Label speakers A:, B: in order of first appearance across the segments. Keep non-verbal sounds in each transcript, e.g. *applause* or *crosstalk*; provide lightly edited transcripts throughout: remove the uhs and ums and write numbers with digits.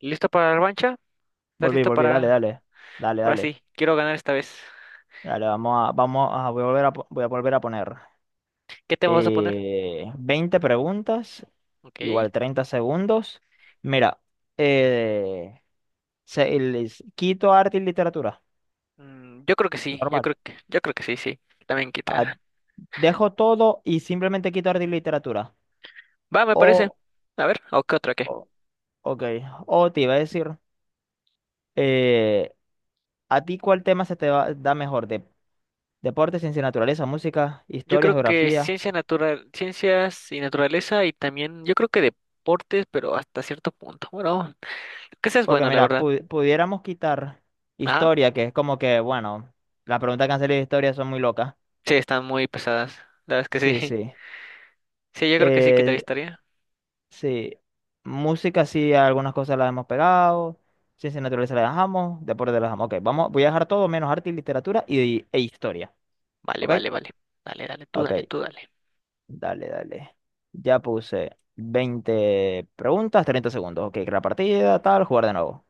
A: ¿Listo para la revancha? ¿Estás
B: Volví,
A: listo
B: volví, dale,
A: para?
B: dale. Dale,
A: Ahora
B: dale.
A: sí, quiero ganar esta vez.
B: Dale, vamos a, voy a volver a poner.
A: ¿Qué tema vas a poner?
B: 20 preguntas,
A: Ok.
B: igual 30 segundos. Mira, eh, les quito arte y literatura,
A: Yo creo que sí,
B: normal.
A: yo creo que sí, sí. También
B: Ah,
A: quita.
B: dejo todo y simplemente quito arte y literatura.
A: Va, me parece.
B: O,
A: A ver, ¿o qué otra qué?
B: o- ok, o te iba a decir, eh, ¿a ti cuál tema da mejor? Deporte, ciencia y naturaleza, música,
A: Yo
B: historia,
A: creo que
B: geografía.
A: ciencias y naturaleza y también yo creo que deportes, pero hasta cierto punto. Bueno, que seas
B: Porque
A: bueno, la
B: mira,
A: verdad.
B: pudiéramos quitar
A: Ajá.
B: historia, que es como que, bueno, las preguntas que han salido de historia son muy locas.
A: Sí, están muy pesadas. La verdad es que
B: Sí,
A: sí.
B: sí.
A: *laughs* Sí, yo creo que sí que te
B: Eh,
A: estaría.
B: sí. Música, sí, algunas cosas las hemos pegado. Ciencia y naturaleza las dejamos. Deporte las dejamos. Ok, vamos, voy a dejar todo menos arte y literatura y, e historia.
A: Vale,
B: ¿Ok?
A: vale, vale. Dale, dale, tú,
B: Ok,
A: dale, tú, dale.
B: dale, dale. Ya puse 20 preguntas, 30 segundos. Ok, crear partida, tal, jugar de nuevo.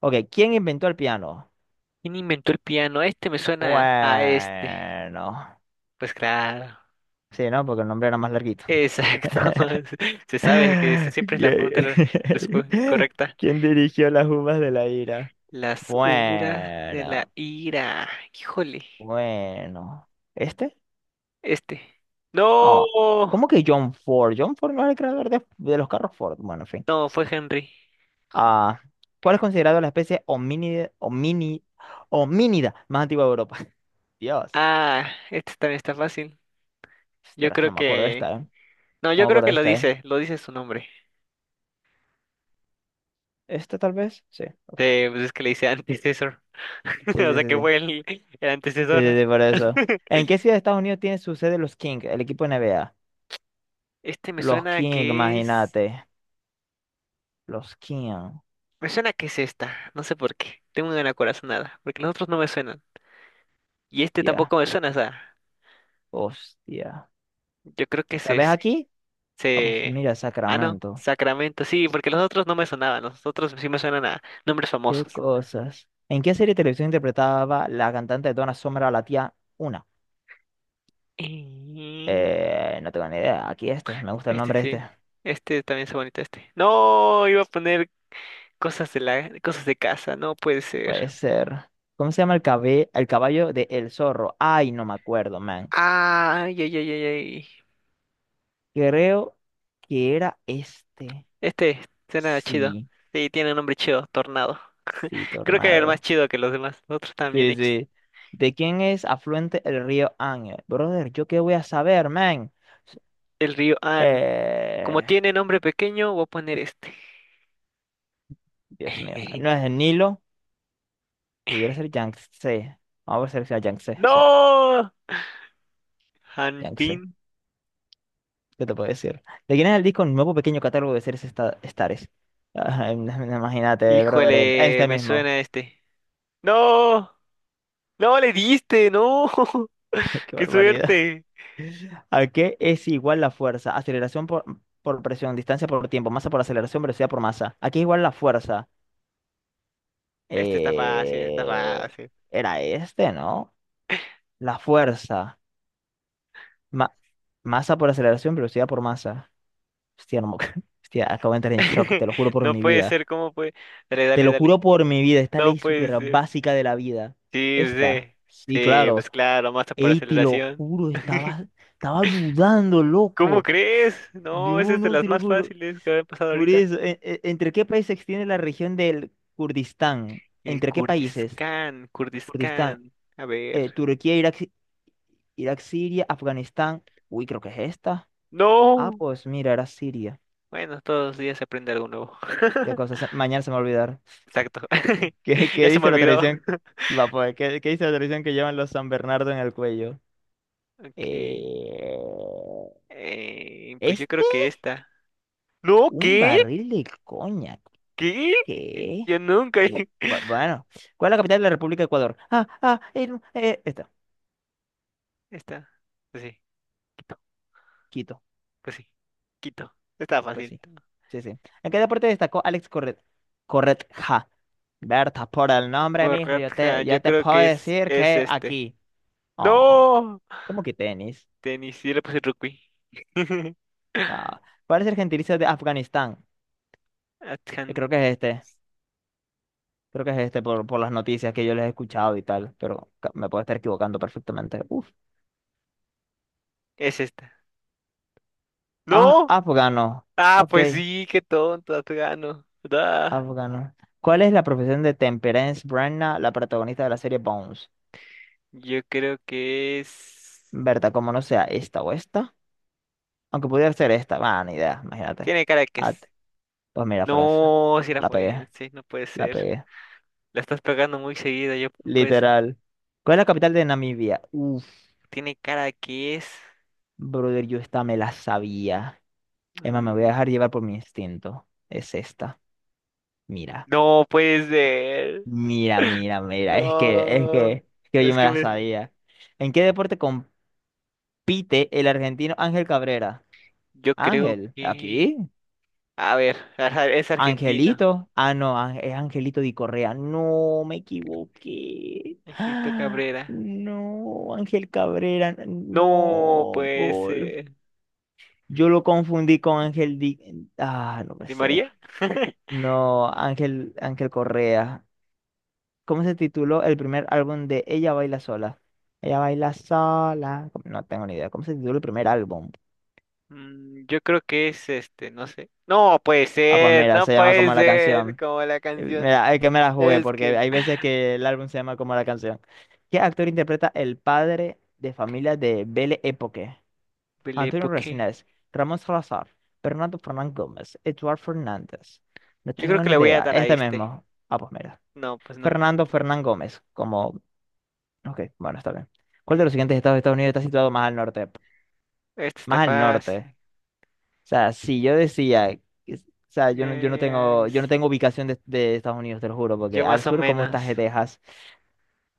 B: Ok, ¿quién inventó el piano?
A: ¿Quién inventó el piano? Este me suena a este.
B: Bueno.
A: Pues claro.
B: Sí, ¿no? Porque el nombre era más larguito. *laughs*
A: Exacto. *laughs* Se sabe que esta siempre es la pregunta
B: ¿Qui- *laughs*
A: correcta.
B: ¿Quién dirigió las uvas de la ira?
A: Las horas de la
B: Bueno,
A: ira. Híjole.
B: bueno. ¿Este?
A: Este. No.
B: Ah, ¿cómo que John Ford? John Ford no era el creador de los carros Ford. Bueno, en fin.
A: No, fue Henry.
B: Ah, ¿cuál es considerado la especie homínida más antigua de Europa? *laughs* Dios.
A: Ah, este también está fácil. Yo
B: Ostras,
A: creo
B: no me acuerdo de
A: que...
B: esta, ¿eh?
A: No,
B: No
A: yo
B: me
A: creo
B: acuerdo
A: que
B: de
A: lo
B: esta, ¿eh?
A: dice. Lo dice su nombre.
B: ¿Esta tal vez? Sí, ok.
A: Pues es que le dice antecesor.
B: Sí,
A: *laughs* O
B: sí,
A: sea
B: sí,
A: que
B: sí.
A: fue el
B: Sí,
A: antecesor.
B: sí, sí, por eso. ¿En
A: *laughs*
B: qué ciudad de Estados Unidos tiene su sede los Kings, el equipo NBA?
A: Este me
B: Los
A: suena a
B: Kings,
A: que es.
B: imagínate. Los Kings.
A: Me suena que es esta, no sé por qué. Tengo una corazonada, porque los otros no me suenan. Y este
B: Ya.
A: tampoco me suena, o sea,
B: Hostia.
A: yo creo que es
B: Tal vez
A: ese.
B: aquí. Ah, pues
A: Se...
B: mira,
A: Ah, no,
B: Sacramento.
A: Sacramento, sí, porque los otros no me sonaban, los otros sí me suenan a nombres
B: Qué
A: famosos.
B: cosas. ¿En qué serie de televisión interpretaba la cantante Donna Summer a la tía Una?
A: Y...
B: No tengo ni idea. Aquí este. Me gusta el
A: Este
B: nombre este.
A: sí, este también es bonito este. No, iba a poner cosas de casa, no puede ser.
B: Puede ser. ¿Cómo se llama el caballo de El Zorro? Ay, no me acuerdo, man.
A: Ay, ay, ay, ay, ay.
B: Creo que era este.
A: Este suena chido.
B: Sí.
A: Sí, tiene un nombre chido, Tornado.
B: Sí,
A: Creo que era el más
B: tornado.
A: chido que los demás, los otros están bien
B: Sí,
A: hechos.
B: sí. ¿De quién es afluente el río Ángel? Brother, ¿yo qué voy a saber, man?
A: El río Han. Como
B: Eh,
A: tiene nombre pequeño, voy a poner este.
B: Dios mío, no es
A: *laughs*
B: el Nilo, pudiera ser Yangtze. Vamos a ver si sea Yangtze, sí,
A: ¡No!
B: Yangtze.
A: Hanpin.
B: ¿Qué te puedo decir? ¿De quién es el disco Nuevo Pequeño Catálogo de Estares? Ay, no- *laughs* Imagínate, brother,
A: Híjole,
B: este
A: me
B: mismo.
A: suena este. ¡No! ¡No le diste! ¡No! *laughs*
B: *laughs* Qué
A: ¡Qué
B: barbaridad.
A: suerte!
B: ¿A qué es igual la fuerza? Aceleración por presión, distancia por tiempo, masa por aceleración, velocidad por masa. ¿A qué es igual la fuerza?
A: Este está fácil, está
B: Eh,
A: fácil.
B: era este, ¿no? La fuerza. Ma- masa por aceleración, velocidad por masa. Hostia, no me acuerdo. *laughs* Hostia, acabo de entrar en shock,
A: *laughs*
B: te lo juro por
A: No
B: mi
A: puede
B: vida.
A: ser, ¿cómo puede? Dale,
B: Te
A: dale,
B: lo
A: dale.
B: juro por mi vida, esta
A: No
B: ley
A: puede
B: súper
A: ser.
B: básica de la vida.
A: Sí, pues,
B: Esta,
A: eh,
B: sí,
A: Sí,
B: claro.
A: pues claro, masa por
B: Ey, te lo
A: aceleración.
B: juro,
A: *laughs*
B: estaba dudando,
A: ¿Cómo
B: loco.
A: crees? No, esa
B: No,
A: es de
B: no,
A: las
B: te lo
A: más
B: juro.
A: fáciles que había pasado
B: Por
A: ahorita.
B: eso, e- e- ¿entre qué países se extiende la región del Kurdistán?
A: El
B: ¿Entre qué
A: Kurdish
B: países?
A: Khan, Kurdish
B: Kurdistán,
A: Khan. A ver.
B: Turquía, Irak, Siria, Afganistán. Uy, creo que es esta. Ah,
A: No.
B: pues mira, era Siria.
A: Bueno, todos los días se aprende algo nuevo.
B: Qué
A: *laughs*
B: cosa, mañana se me va a olvidar.
A: Exacto. *laughs*
B: *laughs* ¿Qué,
A: Ya
B: qué
A: se me
B: dice la
A: olvidó.
B: tradición? Va, pues, ¿qué dice la tradición que llevan los San Bernardo en el cuello?
A: Ok.
B: Eh,
A: Pues yo creo
B: ¿Este?
A: que esta. No,
B: ¿Un
A: ¿qué?
B: barril de coñac?
A: ¿Qué? ¿Qué?
B: ¿Qué?
A: Yo nunca. *laughs*
B: Bueno, ¿cuál es la capital de la República de Ecuador? Ah, no, esta,
A: Esta. Pues sí. Quito.
B: Quito.
A: Pues sí. Quito. Está
B: Pues
A: fácil.
B: sí, sí, sí. ¿En qué deporte destacó Alex Corret? Corretja. Berta, por el nombre, mijo, yo
A: Correcta.
B: te,
A: Yo
B: yo te
A: creo
B: puedo
A: que es,
B: decir
A: es
B: que
A: este.
B: aquí. Oh,
A: No.
B: ¿cómo que tenis?
A: Tenis. Yo le puse rugby. *laughs*
B: No. ¿Cuál es el gentilicio de Afganistán? Yo
A: Atkan-
B: creo que es este. Creo que es este por las noticias que yo les he escuchado y tal, pero me puedo estar equivocando perfectamente. Uf.
A: Es esta.
B: Ah,
A: No.
B: afgano.
A: Ah,
B: Ok,
A: pues sí, qué tonto, Afgano. Da.
B: afgano. ¿Cuál es la profesión de Temperance Brenna, la protagonista de la serie Bones?
A: Yo creo que es.
B: Berta, como no sea esta o esta. Aunque pudiera ser esta. Va, ni idea, imagínate.
A: Tiene cara de que
B: Ah,
A: es.
B: te- pues mira, Francia.
A: No, si era
B: La pegué,
A: forense, no puede
B: la
A: ser.
B: pegué.
A: La estás pegando muy seguida, yo no puede ser.
B: Literal. ¿Cuál es la capital de Namibia? Uf,
A: Tiene cara de que es.
B: brother, yo esta me la sabía. Emma, me voy a
A: Mm,
B: dejar llevar por mi instinto. Es esta. Mira,
A: No puede ser.
B: mira, mira, mira. Es que, es que,
A: No.
B: es que yo
A: Es
B: me
A: que
B: la
A: me.
B: sabía. ¿En qué deporte compite el argentino Ángel Cabrera?
A: Yo creo
B: Ángel,
A: que...
B: ¿aquí?
A: A ver, ajá, es
B: Angelito.
A: argentino.
B: Ah, no, es Angelito Di Correa. No, me equivoqué.
A: Egipto
B: Ah,
A: Cabrera.
B: no, Ángel Cabrera.
A: No
B: No,
A: puede
B: gol.
A: ser.
B: Yo lo confundí con Ángel Di. Ah, no puede
A: ¿Di
B: ser.
A: María? *laughs*
B: No, Ángel Correa. ¿Cómo se tituló el primer álbum de Ella Baila Sola? Ella Baila Sola. No tengo ni idea. ¿Cómo se tituló el primer álbum?
A: Yo creo que es este, no sé. No puede
B: Ah, pues
A: ser,
B: mira,
A: no
B: se llama
A: puede
B: como la
A: ser,
B: canción.
A: como la canción.
B: Es que me la jugué,
A: Es
B: porque
A: que
B: hay veces que el álbum se llama como la canción. ¿Qué actor interpreta el padre de familia de Belle Époque?
A: Bele,
B: Antonio
A: ¿por qué?
B: Resines, Ramón Salazar, Fernando Fernán Gómez, Eduard Fernández. No
A: Yo creo
B: tengo
A: que
B: ni
A: le voy a
B: idea.
A: dar a
B: Este
A: este.
B: mismo. Ah, pues mira.
A: No, pues no.
B: Fernando Fernán Gómez, como... Ok, bueno, está bien. ¿Cuál de los siguientes estados de Estados Unidos está situado más al norte?
A: Este está
B: Más al norte.
A: fácil.
B: O sea, si yo decía... O sea, yo no, yo no
A: Eh,
B: tengo, yo no
A: Ariz-
B: tengo ubicación de Estados Unidos, te lo juro, porque
A: yo
B: al
A: más o
B: sur, ¿cómo está
A: menos.
B: Texas?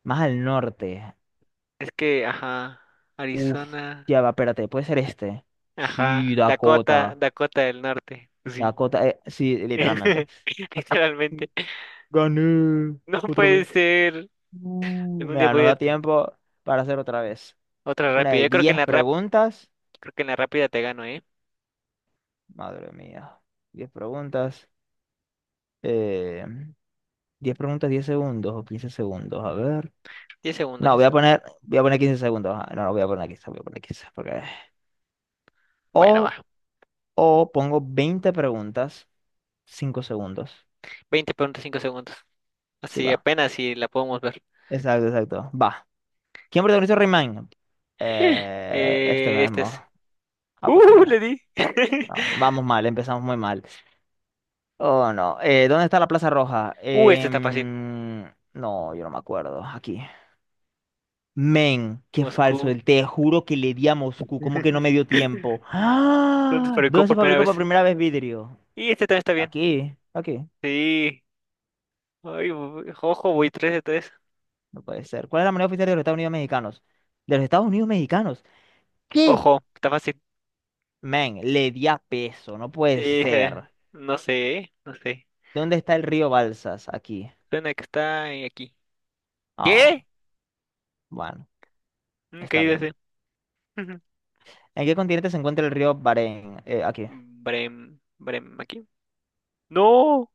B: Más al norte.
A: Es que, ajá,
B: Uf,
A: Arizona,
B: ya va, espérate, puede ser este. Sí,
A: ajá, Dakota,
B: Dakota.
A: Dakota del Norte. Sí.
B: Dakota, sí, literalmente.
A: *laughs* Literalmente.
B: Gané
A: No
B: otra
A: puede
B: vez.
A: ser. Algún día
B: Mira, nos
A: voy a
B: da tiempo para hacer otra vez.
A: otra
B: Una
A: rápida.
B: de
A: Yo creo que en
B: 10
A: la rap,
B: preguntas.
A: creo que en la rápida te gano, ¿eh?
B: Madre mía. 10 preguntas. Eh, 10 preguntas, 10 segundos o 15 segundos. A ver.
A: 10 segundos,
B: No,
A: 10.
B: voy a poner 15 segundos. Ah, no, no, voy a poner quince. Porque...
A: Bueno,
B: O,
A: va.
B: o pongo 20 preguntas, 5 segundos.
A: 20 preguntas, 5 segundos.
B: Sí,
A: Así
B: va.
A: apenas si la podemos ver. *gasps*
B: Exacto, exacto. Va. ¿Quién protagonizó Rayman?
A: *laughs*
B: Este
A: Este
B: mismo.
A: es.
B: Ah, pues
A: ¡Uh! Le
B: mira.
A: di. *laughs*
B: No, vamos mal, empezamos muy mal. Oh, no. ¿Dónde está la Plaza Roja?
A: Este está fácil.
B: No, yo no me acuerdo. Aquí. Men, qué falso.
A: Moscú.
B: Te juro que le di a Moscú. ¿Cómo que no me
A: *laughs*
B: dio tiempo?
A: ¿Dónde se
B: ¡Ah!
A: fabricó
B: ¿Dónde se
A: por primera
B: fabricó por
A: vez?
B: primera vez vidrio?
A: Y este también está bien.
B: Aquí, aquí.
A: Sí. Ay, ojo, voy 3 de 3.
B: No puede ser. ¿Cuál es la moneda oficial de los Estados Unidos mexicanos? De los Estados Unidos mexicanos. ¿Qué?
A: Ojo, está fácil.
B: Men, le di a peso, no puede
A: Eh,
B: ser.
A: no sé, no sé.
B: ¿Dónde está el río Balsas? Aquí.
A: Suena que está en aquí. ¿Qué?
B: Ah, bueno,
A: Nunca he
B: está
A: ido a
B: bien.
A: ese. *laughs*
B: ¿En qué continente se encuentra el río Barén? Aquí.
A: Brem, Brem, aquí. No.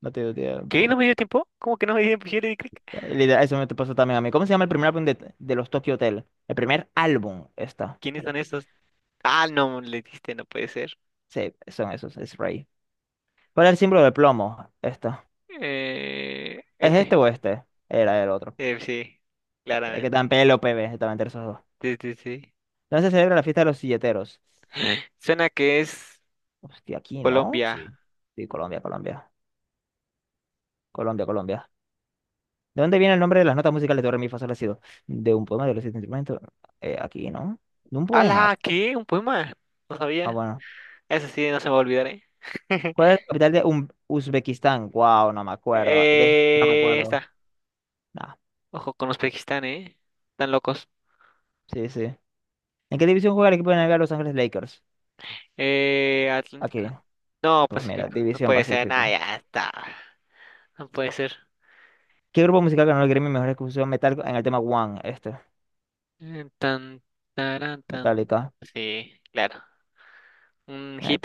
B: No te dio
A: ¿Qué? ¿No
B: tiempo.
A: me dio tiempo? ¿Cómo que no me dio tiempo? Yo le di clic.
B: Literal, eso me te pasó también a mí. ¿Cómo se llama el primer álbum de los Tokyo Hotel? El primer álbum, esta.
A: ¿Quiénes son esos? Ah, no, le diste, no puede ser.
B: Sí, son esos, es Ray. ¿Cuál es el símbolo de plomo? Esta. ¿Es este
A: Este.
B: o este? Era el otro.
A: Sí,
B: Es que tan
A: claramente.
B: pelo, PB, estaban entre esos dos.
A: Sí, sí, sí.
B: ¿Dónde se celebra la fiesta de los silleteros?
A: Suena que es
B: Hostia, aquí, ¿no?
A: Colombia.
B: Sí. Sí, Colombia, Colombia. Colombia, Colombia. ¿De dónde viene el nombre de las notas musicales de Do, re, mi, fa, sol, la, si, do? ¿De un poema de los siete instrumentos? Aquí, ¿no? ¿De un poema?
A: ¡Hala! ¿Qué? ¿Un poema? No
B: Ah,
A: sabía.
B: bueno.
A: Eso sí, no se me va a olvidar, ¿eh? *laughs*
B: ¿Cuál es la capital de Uzbekistán? Wow, no me acuerdo. De este no me acuerdo.
A: Está.
B: Nah,
A: Ojo con Uzbekistán, ¿eh? Están locos.
B: sí, sí. ¿En qué división juega el equipo de NBA Los Ángeles Lakers?
A: Atlántico.
B: Aquí.
A: No,
B: Pues mira,
A: Pacífico. No
B: División
A: puede ser. Nada,
B: Pacífico.
A: ya está. No puede ser.
B: ¿Qué grupo musical ganó el Grammy Mejor Ejecución Metal en el tema One? Este.
A: Tan, tarán, tan.
B: Metallica.
A: Sí, claro. Un hit.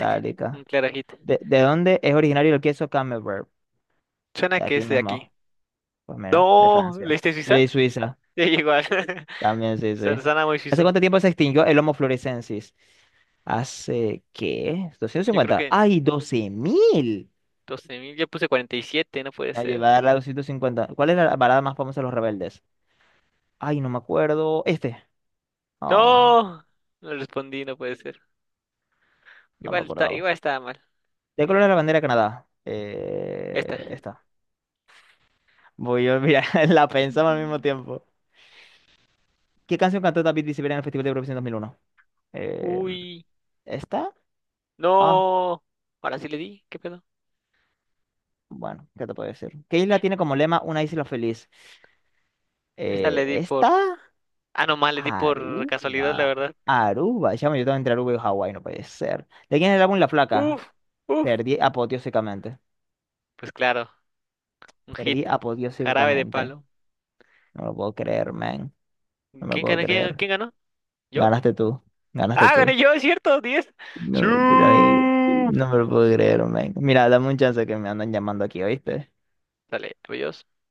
A: Un claro hit.
B: ¿De dónde es originario el queso Camembert?
A: Suena
B: De
A: que
B: aquí
A: es de aquí.
B: mismo. Pues mira, de
A: No,
B: Francia.
A: ¿leíste
B: Yo le
A: Suiza?
B: di Suiza.
A: Ya igual. *laughs*
B: También, sí, sí.
A: Suena muy
B: ¿Hace
A: suizo.
B: cuánto tiempo se extinguió el Homo floresiensis? ¿Hace qué? doscientos
A: Yo creo
B: cincuenta
A: que
B: ¡Ay, 12.000!
A: 12.000. Yo puse 47, no puede
B: La
A: ser.
B: llevada a la 250. ¿Cuál es la parada más famosa de los rebeldes? Ay, no me acuerdo. Este. Oh,
A: No, no respondí, no puede ser.
B: no me
A: Igual está,
B: acordaba.
A: igual estaba mal.
B: ¿De color es
A: Eh,
B: la bandera de Canadá?
A: Esta.
B: Esta. Voy a olvidar. *laughs* La pensamos al mismo tiempo. ¿Qué canción cantó David Bisbal en el Festival de Eurovisión 2001? Eh,
A: Uy,
B: ¿Esta? Ah,
A: no. Ahora sí le di, ¿qué pedo?
B: bueno, ¿qué te puedo decir? ¿Qué isla tiene como lema una isla feliz?
A: Esta le di
B: ¿Esta?
A: por... Ah, no, mal, le di por
B: Aruba.
A: casualidad, la verdad.
B: Aruba. Chamo, yo tengo entre Aruba y Hawái, no puede ser. ¿De quién es el álbum La Flaca?
A: Uf, uf.
B: Perdí apoteósicamente.
A: Pues claro, un hit.
B: Perdí
A: Jarabe de
B: apoteósicamente.
A: palo.
B: No lo puedo creer, man. No me lo
A: ¿Quién
B: puedo
A: ganó? ¿Quién,
B: creer.
A: quién ganó? ¿Yo?
B: Ganaste tú. Ganaste
A: Ah, gané
B: tú.
A: yo, es cierto, 10.
B: No,
A: ¡Siu!
B: no, no me lo puedo creer, man. Mira, dame un chance que me andan llamando aquí, ¿oíste?
A: Dale, adiós.